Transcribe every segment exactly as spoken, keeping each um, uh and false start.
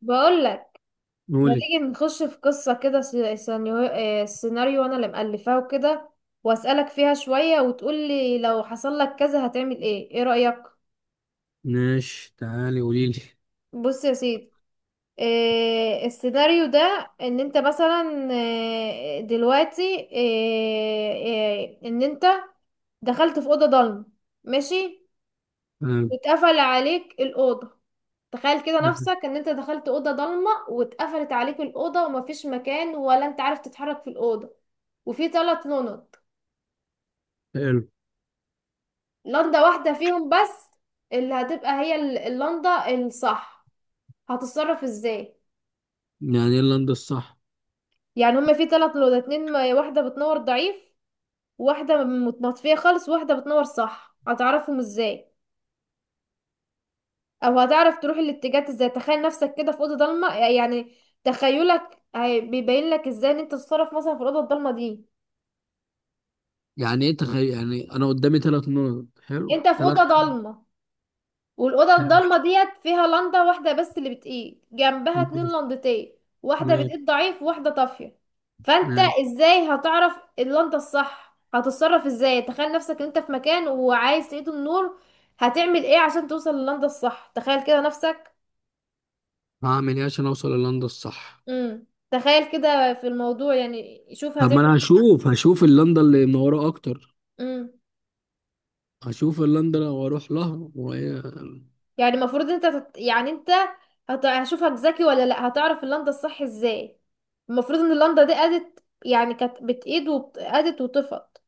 بقول لك. ما قولي. تيجي نخش في قصة كده، س- سيناريو، آه، سيناريو انا اللي مألفاه وكده، واسألك فيها شوية وتقول لي لو حصل لك كذا هتعمل ايه؟ ايه رأيك؟ ماشي، تعالي قوليلي. بص يا سيدي. آه، السيناريو ده ان انت مثلا آه، دلوقتي آه، آه، ان انت دخلت في أوضة ضلمة. ماشي. آه، واتقفل عليك الأوضة. تخيل كده نفسك ان انت دخلت أوضة ضلمة واتقفلت عليك الأوضة ومفيش مكان، ولا انت عارف تتحرك في الأوضة. وفي ثلاث لنض، حلو. لنضة واحدة فيهم بس اللي هتبقى هي ال- اللنضة الصح. هتتصرف ازاي؟ يعني ايه اللمضة الصح؟ يعني هما في ثلاث لنض، اتنين م- واحدة بتنور ضعيف، واحدة متنطفية خالص، واحدة بتنور صح. هتعرفهم ازاي، او هتعرف تروح الاتجاهات ازاي؟ تخيل نفسك كده في اوضه ضلمه يعني. تخيلك هي- بيبين لك ازاي ان انت تتصرف مثلا في الاوضه الضلمه دي. يعني ايه تخيل؟ يعني انا قدامي ثلاث نقط. حلو، انت في ثلاث. اوضه ضلمه، والاوضه حلو. الضلمه ديت فيها لنده واحده بس اللي بتقيد، جنبها اتنين ماشي. لندتين، واحده ماشي. بتقيد ضعيف وواحده طافيه. فانت ماشي. ازاي هتعرف اللنده الصح؟ هتتصرف ازاي؟ تخيل نفسك ان انت في مكان وعايز تقيد النور. هتعمل ايه عشان توصل للنده الصح؟ تخيل كده نفسك. هعمل ايه عشان اوصل للندة الصح؟ امم تخيل كده في الموضوع يعني، شوف طب هتعمل. ما انا هشوف هشوف اللندة اللي منورة اكتر. امم هشوف اللندة لو اروح لها وهي. يعني المفروض انت تت... يعني انت هت... هشوفك ذكي ولا لا، هتعرف اللنده الصح ازاي؟ المفروض ان اللنده دي قادت يعني، كانت بتقيد وقادت وطفت.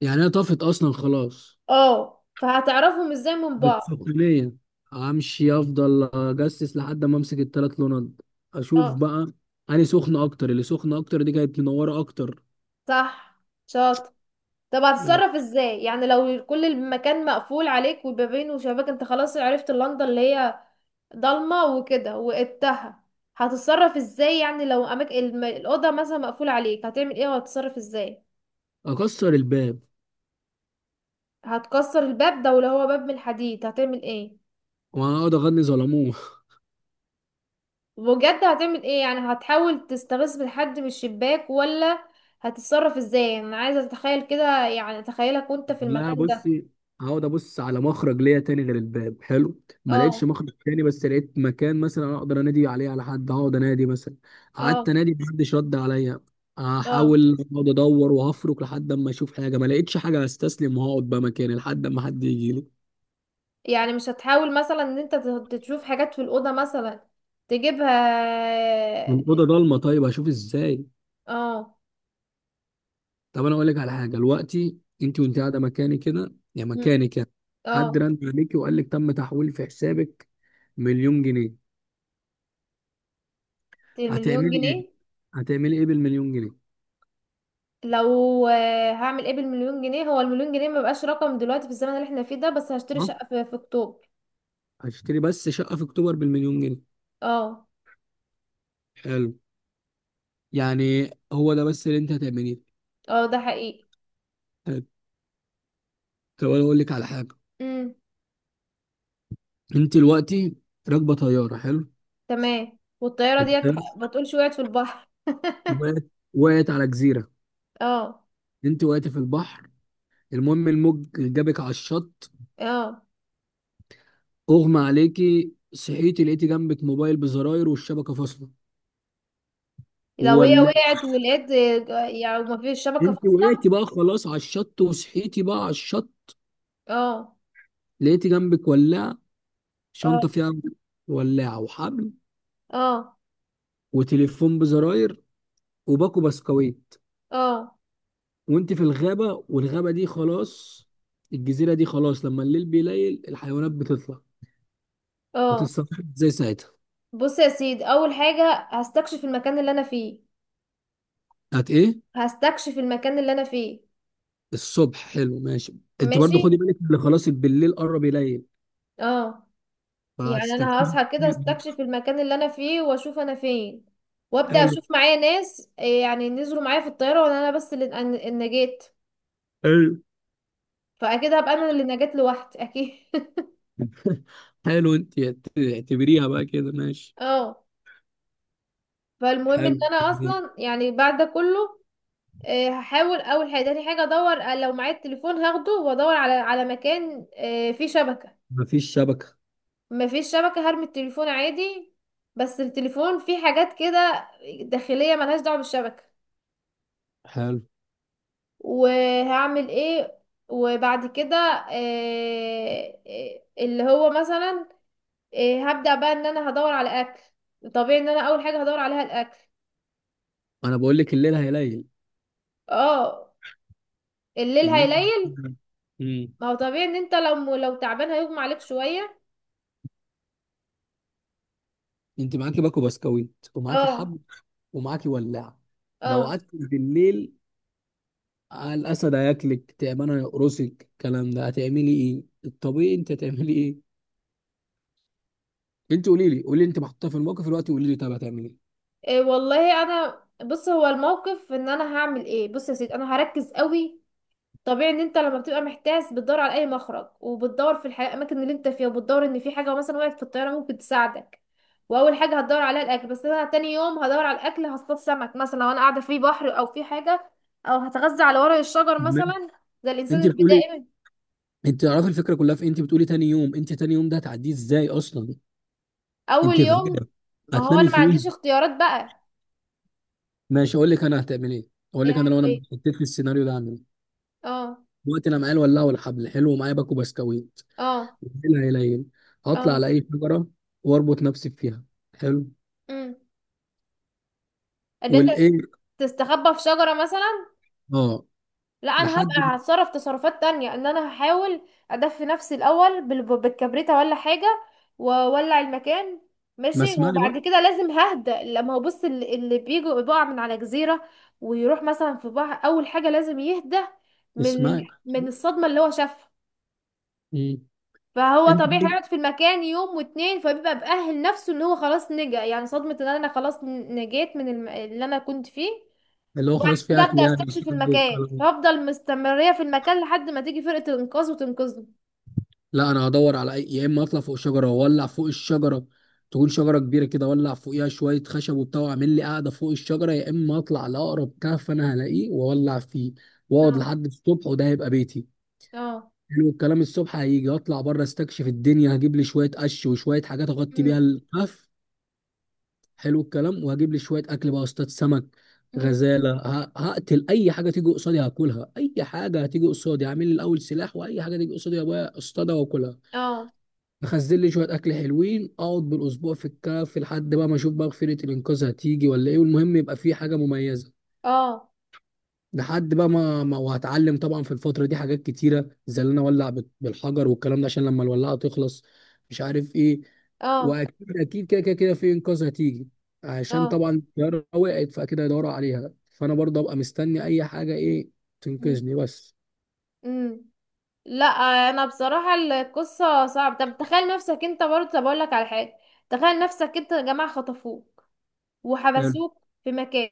يعني هي طافت اصلا خلاص. اه، فهتعرفهم ازاي من بعض. بالصقلية. امشي افضل اجسس لحد ما امسك الثلاث لونات. اشوف اه، بقى اني سخنة اكتر. اللي سخنة اكتر دي كانت منورة اكتر. صح. شاطر. طب هتتصرف ازاي يعني لو كل المكان مقفول عليك، وبابين وشباك، انت خلاص عرفت اللنده اللي هي ضلمه وكده وقدتها، هتتصرف ازاي؟ يعني لو اماكن الم... الاوضه مثلا مقفوله عليك، هتعمل ايه وهتتصرف ازاي؟ اكسر الباب هتكسر الباب ده؟ ولو هو باب من الحديد، هتعمل ايه؟ واقعد اغني ظلموه بجد، هتعمل ايه يعني؟ هتحاول تستغيث بالحد من الشباك، ولا هتتصرف ازاي؟ يعني انا عايزه اتخيل كده، يعني اتخيلك وانت في لا المكان ده. بصي، هقعد ابص على مخرج ليا تاني غير الباب. حلو، ما لقيتش اه. مخرج تاني بس لقيت مكان مثلا اقدر انادي عليه على حد، هقعد انادي مثلا. قعدت اه. انادي محدش رد عليا. اه. هحاول اقعد ادور وهفرك لحد اما اشوف حاجه. ما لقيتش حاجه هستسلم وهقعد بقى مكاني لحد اما حد يجي لي. يعني مش هتحاول مثلا ان انت ت- تشوف حاجات في الاوضه مثلا تجيبها؟ من اوضه ضلمه طيب اشوف ازاي؟ اه. طب انا اقول لك على حاجه. دلوقتي انت وانت قاعده مكاني كده يا مم. مكاني كده، حد اه. رن عليكي وقال لك تم تحويل في حسابك مليون جنيه. المليون هتعملي ايه؟ جنيه. هتعملي ايه بالمليون جنيه؟ لو آه، هعمل ايه بالمليون جنيه؟ هو المليون جنيه مبقاش رقم دلوقتي في الزمن اللي احنا فيه ده. بس هشتري ها. شقه في في اكتوبر. هشتري بس شقه في اكتوبر بالمليون جنيه؟ اه. حلو. يعني هو ده بس اللي انت هتعمليه؟ اه، ده حقيقي. حلو. طب انا اقول لك على حاجه. امم. انت دلوقتي راكبه طياره، حلو. تمام. والطيارة ديت الطيارة ح- ما تقولش وقعت في البحر وقعت. وقعت على جزيره. اه. انت وقعت في البحر. المهم الموج جابك على الشط. اه، اغمى عليكي صحيتي لقيتي جنبك موبايل بزراير والشبكه فاصله، لو هي ولا. وقعت ولقيت. آه، يعني ما فيش شبكة انت فاصلة. وقعتي بقى خلاص على الشط وصحيتي بقى على الشط. اه. لقيتي جنبك ولاعه، شنطه اه. فيها ولاعه وحبل اه. وتليفون بزراير وباكو بسكويت. اه. وانت في الغابه، والغابه دي خلاص، الجزيره دي خلاص لما الليل بيليل الحيوانات بتطلع. اه. هتتصرفي ازاي ساعتها؟ بص يا سيدي، اول حاجة هستكشف المكان اللي انا فيه. هت ايه؟ هستكشف المكان اللي انا فيه. الصبح، حلو، ماشي. انت ماشي. برضو خدي بالك اللي خلاص بالليل قرب يليل، اه. يعني انا فهتستكشفي. هصحى كده، استكشف المكان اللي انا فيه واشوف انا فين. وابدا حلو. اشوف معايا ناس آه، يعني نزلوا معايا في الطياره، ولا انا بس اللي إن- إن نجيت. حلو. فاكيد هبقى انا اللي نجات لوحدي اكيد حلو انت. اعتبريها بقى كده ماشي. اه. فالمهم حلو. ان انا اصلا يعني بعد ده كله آه، هحاول اول حاجه. تاني حاجه ادور آه، لو معايا التليفون هاخده وادور على على مكان آه، فيه شبكه. مفيش شبكة. ما فيش شبكه، هرمي التليفون عادي. بس التليفون فيه حاجات كده داخليه ملهاش دعوه بالشبكه. حلو. وهعمل ايه وبعد كده آه، آه، اللي هو مثلا آه، هبدا بقى ان انا هدور على اكل. طبيعي ان انا اول حاجه هدور عليها الاكل. انا بقول لك الليل هيليل. اه، الليل الليل. هيليل. امم ما هو طبيعي ان انت لو لو تعبان هيغمى عليك شوية. انت معاكي باكو بسكويت ومعاكي اه. حبل ومعاكي ولاعة. لو اه. قعدت بالليل الاسد هياكلك، تعبانه يقرصك، الكلام ده هتعملي ايه؟ الطبيعي انت هتعملي ايه؟ انت قولي لي، قولي لي، انت محطوطه في الموقف دلوقتي، قولي لي، طب هتعملي ايه؟ إيه والله، انا بص، هو الموقف ان انا هعمل ايه. بص يا سيدي، انا هركز قوي. طبيعي ان انت لما بتبقى محتاس بتدور على اي مخرج، وبتدور في الحياة الاماكن اللي انت فيها، وبتدور ان في حاجة مثلا وقعت في الطيارة ممكن تساعدك. واول حاجة هتدور عليها الاكل، بس انا تاني يوم هدور على الاكل. هصطاد سمك مثلا لو انا قاعدة في بحر او في حاجة، او هتغذى على ورق الشجر ماشي. مثلا، زي الانسان انت بتقولي، البدائي. انت تعرفي الفكره كلها في إيه؟ انت بتقولي تاني يوم. انت تاني يوم ده هتعديه ازاي اصلا؟ اول انت يوم. فاكره؟ هو انا هتنامي ما عنديش فين؟ اختيارات بقى. ماشي اقول لك انا هتعمل ايه. اقول ايه، لك انا لو اعمل انا ايه. اتحطيت في السيناريو ده هعمل ايه. اه. دلوقتي انا معايا الولاعه والحبل، حلو، ومعايا باكو بسكويت. اه. العيله هيلين، هطلع اه. على اي شجره واربط نفسي فيها. حلو، امم ان انت والايه. تستخبى في شجرة مثلا. اه. لا، انا هبقى لحد. هتصرف تصرفات تانية. ان انا هحاول ادفي نفسي الاول بال- بالكبريتة ولا حاجة، واولع المكان. ما ماشي. اسمعي بقى. وبعد كده لازم ههدى. لما هو بص، اللي, اللي بيجي بيقع من على جزيرة ويروح مثلا في بحر، اول حاجة لازم يهدى من ال- اسمعي. من الصدمة اللي هو شافها. مم. فهو انت طبيعي هيقعد في المكان يوم واتنين، فبيبقى مأهل نفسه ان هو خلاص نجا. يعني صدمة ان انا خلاص ن- نجيت من الم... اللي انا كنت فيه. اللي هو وبعد خلاص في كده اكل ابدأ يعني استكشف وشرب المكان، والكلام. فافضل مستمرية في المكان لحد ما تيجي فرقة الانقاذ وتنقذني. لا انا هدور على اي. يا اما اطلع فوق شجره واولع فوق الشجره. تكون شجره كبيره كده، اولع فوقيها شويه خشب وبتاع واعمل لي قاعده فوق الشجره. يا اما اطلع لاقرب كهف انا هلاقيه واولع فيه واقعد اه. لحد الصبح، وده هيبقى بيتي. اه. حلو الكلام. الصبح هيجي اطلع بره استكشف الدنيا، هجيب لي شويه قش وشويه حاجات اغطي أمم. بيها الكهف. حلو الكلام. وهجيب لي شويه اكل بقى، استاذ سمك، أمم. غزاله. ه- هقتل اي حاجه تيجي قصادي هاكلها. اي حاجه هتيجي قصادي هعمل لي الاول سلاح، واي حاجه تيجي قصادي يا ابويا اصطادها واكلها. اه. اخزن لي شويه اكل حلوين، اقعد بالاسبوع في الكهف لحد بقى ما اشوف بقى فرقه الانقاذ هتيجي ولا ايه. والمهم يبقى في حاجه مميزه اه. لحد بقى ما, ما وهتعلم طبعا في الفتره دي حاجات كتيره زي ان انا اولع بال- بالحجر والكلام ده عشان لما الولاعه تخلص، مش عارف ايه. اه. واكيد اكيد كده كده كده في انقاذ هتيجي عشان اه. طبعا الطياره وقعت فاكيد هيدوروا عليها. فانا برضه ابقى مستني اي حاجه ايه أمم. تنقذني بس. أمم. لا، انا بصراحة القصة صعبة. طب تخيل نفسك انت برضه. طب اقول لك على حاجة. تخيل نفسك انت يا جماعة خطفوك حلو. وحبسوك في مكان،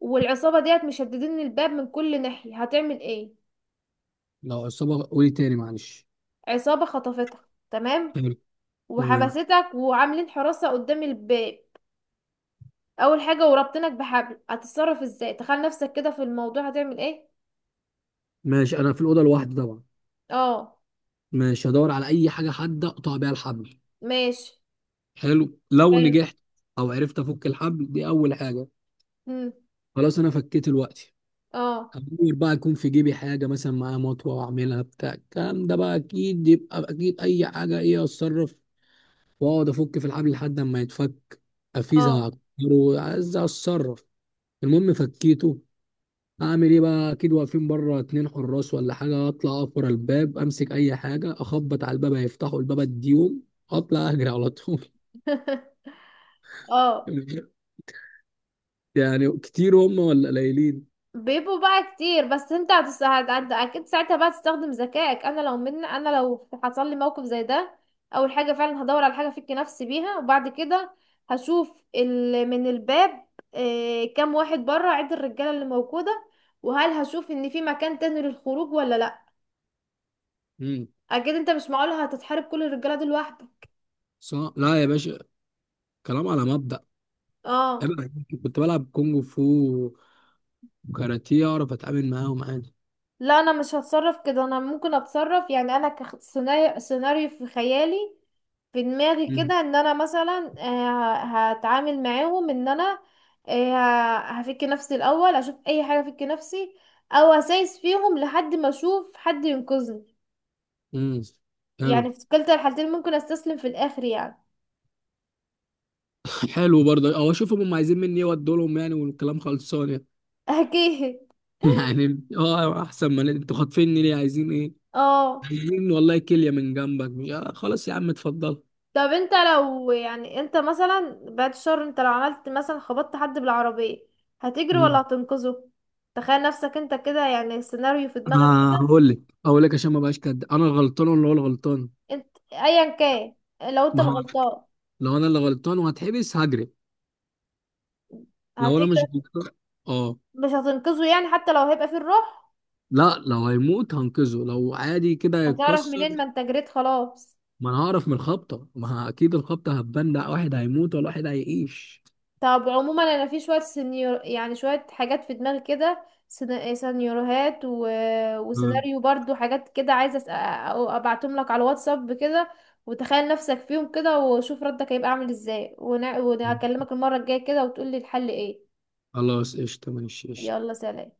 والعصابة ديت مشددين الباب من كل ناحية، هتعمل ايه؟ لو عصابه قولي تاني معلش. عصابة خطفتك، تمام؟ حلو. تمام وحبستك وعاملين حراسة قدام الباب. اول حاجة وربطنك بحبل. هتتصرف ازاي؟ تخيل نفسك كده في الموضوع، هتعمل ايه؟ ماشي. انا في الاوضه لوحدي طبعا. اه. ماشي هدور على اي حاجه حاده اقطع بيها الحبل. ماشي. حلو لو حلو. نجحت او عرفت افك الحبل، دي اول حاجه. مم. خلاص انا فكيت دلوقتي. اه. هدور بقى يكون في جيبي حاجه مثلا معايا مطوه واعملها بتاع، الكلام ده بقى اكيد يبقى اكيد اي حاجه ايه اتصرف واقعد افك في الحبل لحد اما يتفك. افيزه اه. واعكره عايز اتصرف. المهم فكيته. اعمل ايه بقى؟ اكيد واقفين بره اتنين حراس ولا حاجه. اطلع اقف ورا الباب، امسك اي حاجه اخبط على الباب، هيفتحوا الباب اديهم، اطلع اجري على طول. اه. يعني كتير هم ولا قليلين؟ بيبقوا بقى كتير، بس انت هتس... هت- هت- اكيد ساعتها بقى تستخدم ذكائك. انا لو من انا لو حصل لي موقف زي ده، اول حاجه فعلا هدور على حاجه افك نفسي بيها. وبعد كده هشوف ال... من الباب إيه... كام واحد بره، عد الرجاله اللي موجوده. وهل هشوف ان في مكان تاني للخروج، ولا لا. امم. اكيد انت مش معقول هتتحارب كل الرجاله دول لوحدك. صح. لا يا باشا، كلام على مبدأ. اه. أنا كنت بلعب كونج فو وكاراتيه، اعرف اتعامل معاهم عادي. لا، انا مش هتصرف كده. انا ممكن اتصرف يعني انا كسيناريو سيناريو في خيالي، في دماغي مم. كده، ان انا مثلا آه، هتعامل معاهم ان انا آه، هفك نفسي الاول. اشوف اي حاجه افك نفسي، او اسايس فيهم لحد ما اشوف حد ينقذني. امم. حلو. يعني في كلتا الحالتين ممكن استسلم في الاخر يعني. حلو برضه. او اشوفهم هم عايزين مني ايه وادوا لهم، يعني والكلام خلصان يعني. اكيد. يعني اه احسن، ما انتوا خاطفيني ليه؟ عايزين ايه؟ اه. عايزين والله كليه من جنبك؟ مش آه خلاص يا عم اتفضل. طب انت لو، يعني انت مثلا بعد الشر، انت لو عملت مثلا خبطت حد بالعربية، هتجري ولا امم هتنقذه؟ تخيل نفسك انت كده، يعني سيناريو في دماغك. آه هقول لك. هقول لك عشان ما بقاش كده انا غلطان ولا هو اللي غلطان. انت ايا كان، لو انت ما هو الغلطان. لو انا اللي غلطان وهتحبس هجري. لو انا مش هتجري الدكتور، اه. مش هتنقذه يعني حتى لو هيبقى فيه الروح؟ لا لو هيموت هنقذه، لو عادي كده هتعرف هيتكسر. منين ما انت جريت خلاص. ما انا هعرف من الخبطه، ما اكيد الخبطه هتبان ده واحد هيموت ولا واحد هيعيش. طب عموما انا في شويه سينيور، يعني شويه حاجات في دماغي كده، سينا- سيناريوهات و... مم. وسيناريو برضو حاجات كده عايزه أس- أ- ابعتهم لك على الواتساب كده، وتخيل نفسك فيهم كده وشوف ردك هيبقى عامل ازاي، ون... وهكلمك المره الجايه كده وتقولي الحل ايه. خلاص قشطه ماشي قشطه. يلا سلام.